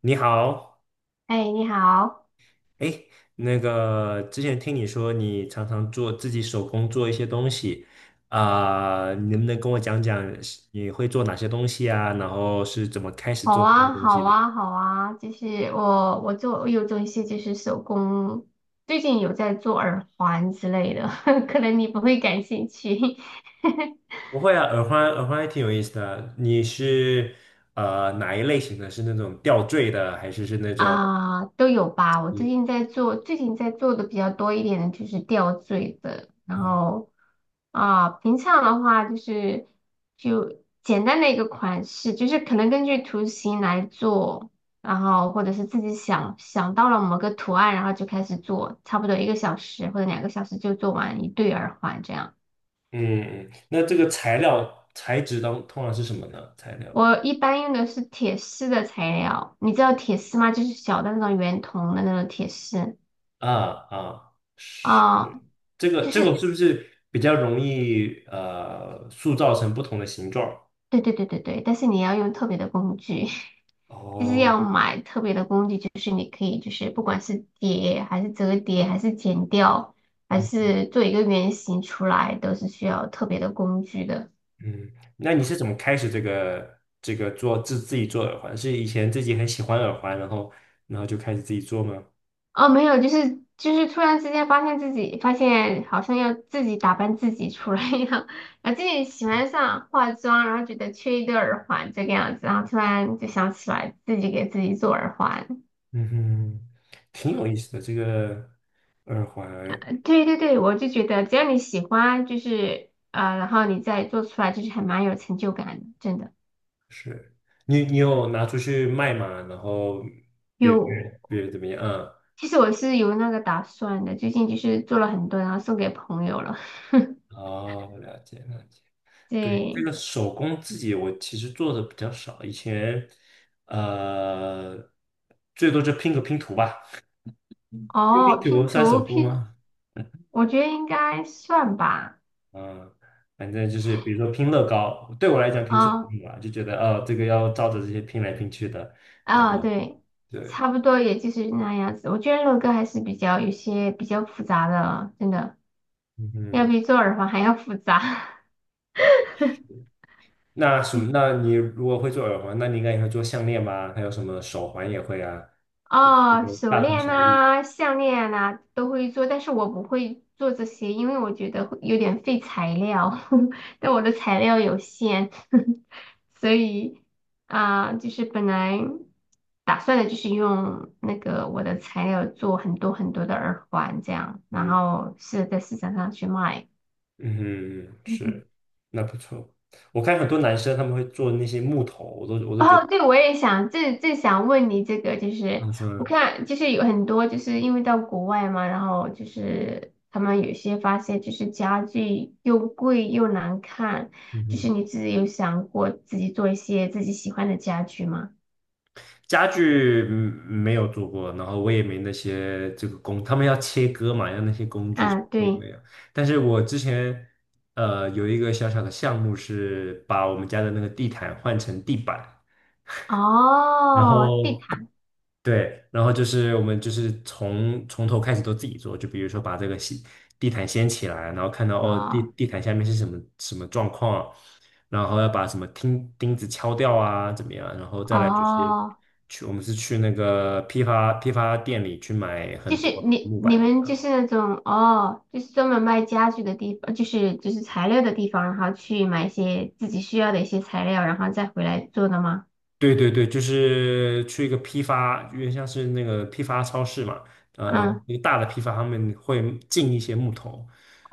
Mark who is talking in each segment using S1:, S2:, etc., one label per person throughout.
S1: 你好。
S2: 哎，你好。
S1: 哎，那个之前听你说你常常做自己手工做一些东西。啊、你能不能跟我讲讲是你会做哪些东西啊？然后是怎么开始
S2: 好
S1: 做这些
S2: 啊，
S1: 东
S2: 好
S1: 西的？
S2: 啊，好啊，就是我有做一些就是手工，最近有在做耳环之类的，可能你不会感兴趣。
S1: 不会啊，耳环还挺有意思的。你是哪一类型的？是那种吊坠的，还是是那种
S2: 啊，都有吧。我
S1: 你
S2: 最近在做，最近在做的比较多一点的就是吊坠的，然
S1: 啊？
S2: 后平常的话就是简单的一个款式，就是可能根据图形来做，然后或者是自己想到了某个图案，然后就开始做，差不多一个小时或者两个小时就做完一对耳环这样。
S1: 嗯。嗯，那这个材料材质当通常是什么呢？材料？
S2: 我一般用的是铁丝的材料，你知道铁丝吗？就是小的那种圆筒的那种铁丝。
S1: 啊，啊，是，
S2: 啊，
S1: 这个
S2: 就
S1: 这个
S2: 是
S1: 是不是比较容易塑造成不同的形状？
S2: 对对对对对，但是你要用特别的工具，就是
S1: 哦，
S2: 要买特别的工具，就是你可以就是不管是叠还是折叠还是剪掉，还
S1: 嗯
S2: 是做一个圆形出来，都是需要特别的工具的。
S1: 嗯，那你是怎么开始这个做自己做耳环？是以前自己很喜欢耳环，然后然后就开始自己做吗？
S2: 哦，没有，就是突然之间发现好像要自己打扮自己出来一样，然后自己喜欢上化妆，然后觉得缺一对耳环这个样子，然后突然就想起来自己给自己做耳环。
S1: 嗯哼，挺有意思的这个耳环。
S2: 对对对，我就觉得只要你喜欢，然后你再做出来，就是还蛮有成就感的，真的。
S1: 是，你你有拿出去卖吗？然后别别
S2: 有，
S1: 别人怎么样？嗯。
S2: 其实我是有那个打算的，最近就是做了很多，然后送给朋友了。
S1: 哦，了解了解。对，这
S2: 对。
S1: 个手工自己我其实做的比较少，以前呃最多就拼个拼图吧，拼
S2: 哦，
S1: 拼图
S2: 拼
S1: 算手
S2: 图
S1: 工
S2: 拼，
S1: 吗？
S2: 我觉得应该算吧。
S1: 嗯。反正就是比如说拼乐高，对我来讲拼手工
S2: 啊、
S1: 吧，就觉得哦这个要照着这些拼来拼去的，然后
S2: 对，
S1: 对。
S2: 差不多也就是那样子。我觉得乐高还是比较复杂的，真的要
S1: 嗯。
S2: 比做耳环还要复杂。
S1: 那什么？那你如果会做耳环，那你应该也会做项链吧？还有什么手环也会啊，这
S2: 哦，
S1: 个
S2: 手
S1: 大同
S2: 链
S1: 小异。
S2: 呐、项链呐、都会做，但是我不会做这些，因为我觉得会有点费材料，但我的材料有限，所以就是本来打算的就是用那个我的材料做很多很多的耳环这样，然
S1: 嗯。
S2: 后是在市场上去卖。
S1: 嗯，是，那不错。我看很多男生他们会做那些木头，我都觉得
S2: 哦，对，我也想，正想问你这个，就
S1: 啊
S2: 是
S1: 什么
S2: 我
S1: 的。
S2: 看，就是有很多，就是因为到国外嘛，然后就是他们有些发现，就是家具又贵又难看，
S1: 嗯
S2: 就是
S1: 哼。
S2: 你自己有想过自己做一些自己喜欢的家具吗？
S1: 家具嗯没有做过，然后我也没那些这个工，他们要切割嘛，要那些工具，
S2: 啊，
S1: 我也
S2: 对。
S1: 没有。但是我之前有一个小小的项目是把我们家的那个地毯换成地板。然
S2: 哦，地
S1: 后
S2: 毯。
S1: 对，然后就是我们就是从头开始都自己做，就比如说把这个地毯掀起来，然后看到哦
S2: 哦
S1: 地毯下面是什么什么状况，然后要把什么钉子敲掉啊，怎么样，然后再来就是
S2: 哦。
S1: 去，我们是去那个批发店里去买
S2: 就
S1: 很
S2: 是
S1: 多
S2: 你
S1: 木
S2: 你
S1: 板。
S2: 们就是那种哦，就是专门卖家具的地方，就是就是材料的地方，然后去买一些自己需要的一些材料，然后再回来做的吗？
S1: 对对对，就是去一个批发，有点像是那个批发超市嘛。啊，然后
S2: 嗯。
S1: 一个大的批发，他们会进一些木头，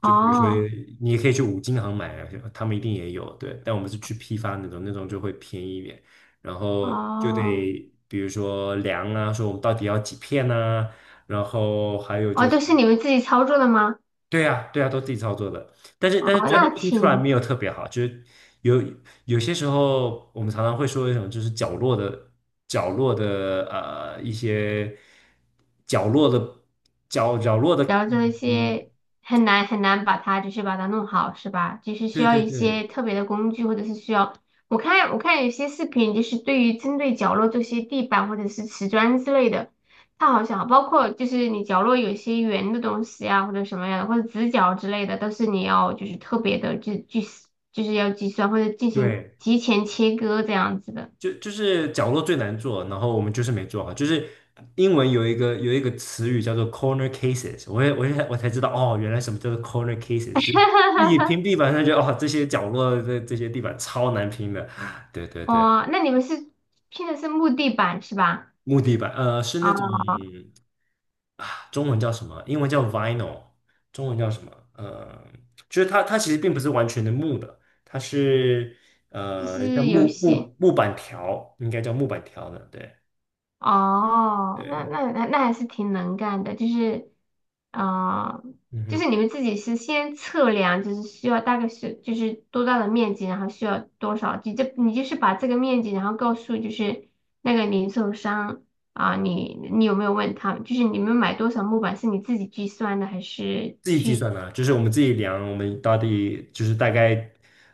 S1: 就比如说
S2: 哦
S1: 你也可以去五金行买啊，他们一定也有。对，但我们是去批发那种，那种就会便宜一点，然后就
S2: 哦
S1: 得比如说量啊，说我们到底要几片呐，然后还有
S2: 哦，
S1: 就是。
S2: 都是你们自己操作的吗？
S1: 对呀，对呀，都自己操作的，但是
S2: 哦，
S1: 最后
S2: 那
S1: 拼出来
S2: 挺
S1: 没有特别好，就是有，有些时候我们常常会说一种就是角落的，角落的一些角落的，角落的。
S2: 然后这一
S1: 嗯，
S2: 些很难把它把它弄好，是吧？就是需
S1: 对
S2: 要
S1: 对
S2: 一
S1: 对
S2: 些特别的工具，或者是需要我看有些视频，就是对于针对角落这些地板或者是瓷砖之类的，它好像包括就是你角落有一些圆的东西啊，或者什么样的，或者直角之类的，都是你要就是特别的就是要计算或者进行
S1: 对，
S2: 提前切割这样子的。
S1: 就就是角落最难做，然后我们就是没做好。就是英文有有一个词语叫做 corner cases。我才知道哦，原来什么叫做 corner cases,就是你平 地板上就哦这些角落的这些地板超难拼的，对对对。
S2: 哦，那你们是拼的是木地板是吧？
S1: 木地板是那种，
S2: 啊，
S1: 中文叫什么？英文叫 vinyl,中文叫什么？就是它其实并不是完全的木的，它是
S2: 就
S1: 像
S2: 是有些。
S1: 木板条，应该叫木板条的，对。
S2: 哦，那
S1: 对。
S2: 那那那还是挺能干的，就是啊、呃
S1: 嗯
S2: 就
S1: 哼。
S2: 是你们自己是先测量，就是需要大概是就是多大的面积，然后需要多少，你就是把这个面积，然后告诉就是那个零售商。你你有没有问他，就是你们买多少木板是你自己计算的还是
S1: 自己计
S2: 去？
S1: 算的，就是我们自己量，我们到底就是大概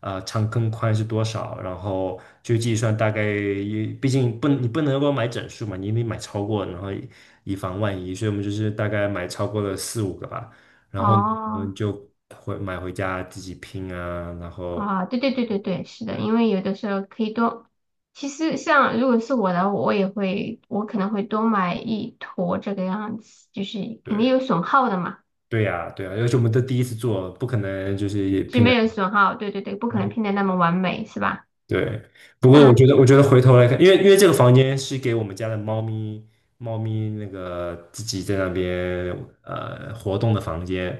S1: 长跟宽是多少，然后就计算大概也，毕竟不，你不能够买整数嘛，你得买超过，然后以防万一，所以我们就是大概买超过了四五个吧，然后们
S2: 哦，
S1: 就买回家自己拼啊。然后
S2: 啊，对对对对对，是的，
S1: 对，
S2: 因为有的时候可以多。其实像如果是我的，我也会，我可能会多买一坨这个样子，就是肯定
S1: 对
S2: 有损耗的嘛，
S1: 对呀，对呀，而且我们都第一次做，不可能就是
S2: 就
S1: 拼的。
S2: 没有损耗，对对对，不可能拼的那么完美，是吧？
S1: 对，不过我
S2: 那
S1: 觉得，我觉得回头来看，因为这个房间是给我们家的猫咪，猫咪那个自己在那边活动的房间。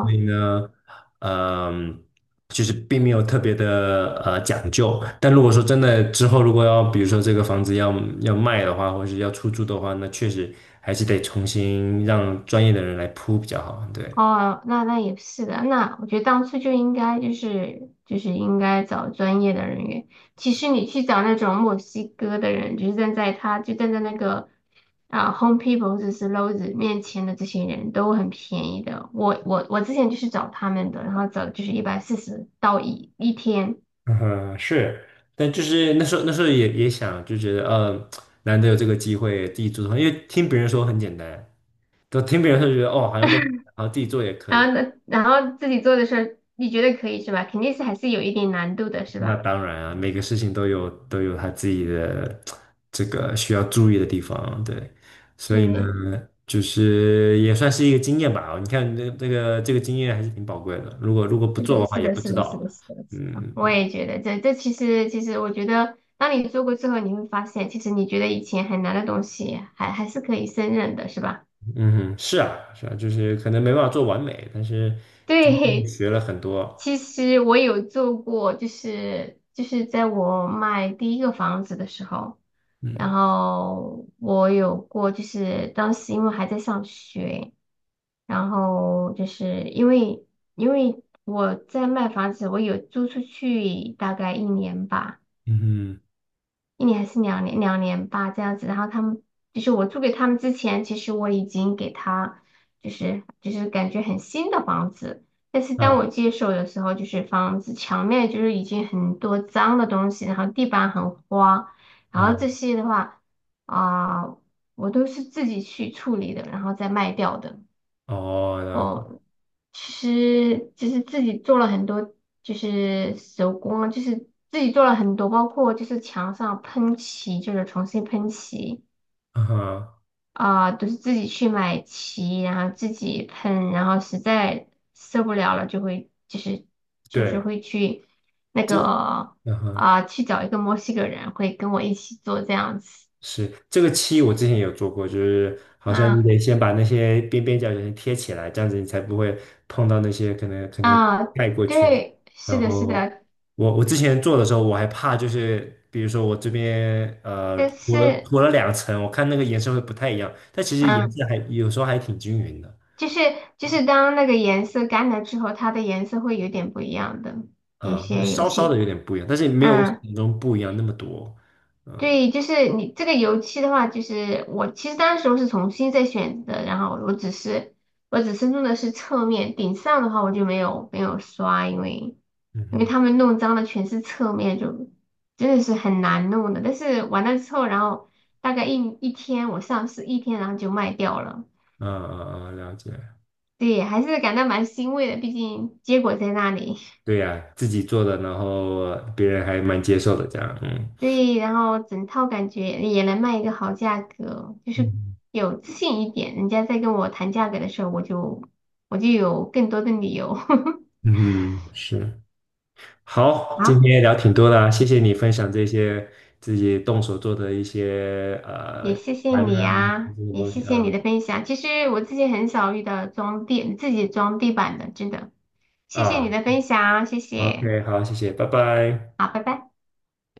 S1: 所以呢，嗯、就是并没有特别的讲究。但如果说真的之后如果要，比如说这个房子要要卖的话，或是要出租的话，那确实还是得重新让专业的人来铺比较好。对。
S2: 哦，那那也是的，那我觉得当初就应该应该找专业的人员。其实你去找那种墨西哥的人，就是站在他就站在那个Home People 或者是 Lowe's 面前的这些人都很便宜的。我之前就是找他们的，然后找就是140到一天。
S1: 嗯，是，但就是那时候也也想，就觉得难得有这个机会自己做的话，因为听别人说很简单，都听别人说觉得哦，好像都，然后自己做也可
S2: 然
S1: 以。
S2: 后呢，然后自己做的事候，你觉得可以是吧？肯定是还是有一点难度的，是
S1: 那
S2: 吧？
S1: 当然啊，每个事情都有他自己的这个需要注意的地方，对。所以呢，
S2: 对，
S1: 就是也算是一个经验吧。你看这个这个经验还是挺宝贵的，如果如果不
S2: 是
S1: 做
S2: 的，
S1: 的话，
S2: 是
S1: 也
S2: 的，
S1: 不
S2: 是
S1: 知
S2: 的，是
S1: 道。
S2: 的，是的，是的，我
S1: 嗯，
S2: 也觉得这其实我觉得，当你做过之后，你会发现，其实你觉得以前很难的东西还是可以胜任的，是吧？
S1: 嗯哼，是啊，是啊，就是可能没办法做完美，但是 真的
S2: 对，
S1: 学了很多。
S2: 其实我有做过，就是在我卖第一个房子的时候，然
S1: 嗯，
S2: 后我有过，就是当时因为还在上学，然后因为我在卖房子，我有租出去大概一年吧。
S1: 嗯
S2: 一年还是两年，两年吧，这样子。然后他们就是我租给他们之前，其实我已经给他感觉很新的房子，但是
S1: 哼，
S2: 当
S1: 啊，
S2: 我接手的时候，就是房子墙面就是已经很多脏的东西，然后地板很花，然后
S1: 啊，
S2: 这些的话啊、我都是自己去处理的，然后再卖掉的。
S1: 哦，了解。
S2: 哦，其实就是自己做了很多，就是手工啊，就是自己做了很多，包括就是墙上喷漆，就是重新喷漆
S1: 啊哈，
S2: 啊，都是自己去买漆，然后自己喷，然后实在受不了了，就
S1: 对，
S2: 会去那
S1: 这，
S2: 个。
S1: 啊哈，
S2: 啊，去找一个墨西哥人，会跟我一起做这样子。
S1: 是，这个漆，我之前也有做过，就是好像你
S2: 啊
S1: 得先把那些边边角角先贴起来，这样子你才不会碰到那些可能可能
S2: 啊，
S1: 盖过去。
S2: 对，是
S1: 然
S2: 的，是
S1: 后
S2: 的，
S1: 我，我之前做的时候，我还怕就是，比如说我这边
S2: 但
S1: 涂了
S2: 是。
S1: 涂了两层，我看那个颜色会不太一样，但其实颜
S2: 嗯。
S1: 色还有时候还挺均匀的。
S2: 就是就是当那个颜色干了之后，它的颜色会有点不一样的，有
S1: 啊，
S2: 些油
S1: 稍稍的
S2: 漆。
S1: 有点不一样，但是没有我想
S2: 嗯，
S1: 象中不一样那么多。
S2: 对，就是你这个油漆的话，就是我其实当时候是重新再选的，然后我只是弄的是侧面，顶上的话我就没有刷，因为
S1: 嗯哼，
S2: 他们弄脏的全是侧面，就真的是很难弄的。但是完了之后，然后大概一天，我上市一天，然后就卖掉了。
S1: 嗯嗯嗯，了解。
S2: 对，还是感到蛮欣慰的，毕竟结果在那里。
S1: 对呀，自己做的，然后别人还蛮接受的，这样。嗯，
S2: 对，然后整套感觉也能卖一个好价格，就是
S1: 嗯
S2: 有自信一点。人家在跟我谈价格的时候，我就有更多的理由。
S1: 嗯，是，好，今
S2: 好，
S1: 天聊挺多的啊，谢谢你分享这些自己动手做的一些
S2: 也谢谢
S1: 玩
S2: 你
S1: 啊
S2: 啊，
S1: 这些
S2: 也
S1: 东
S2: 谢
S1: 西
S2: 谢你
S1: 啊。
S2: 的分享。其实我自己很少遇到装地自己装地板的，真的。谢谢你
S1: 啊
S2: 的分享，谢谢。
S1: ，OK,好，谢谢，拜拜。
S2: 好，拜拜。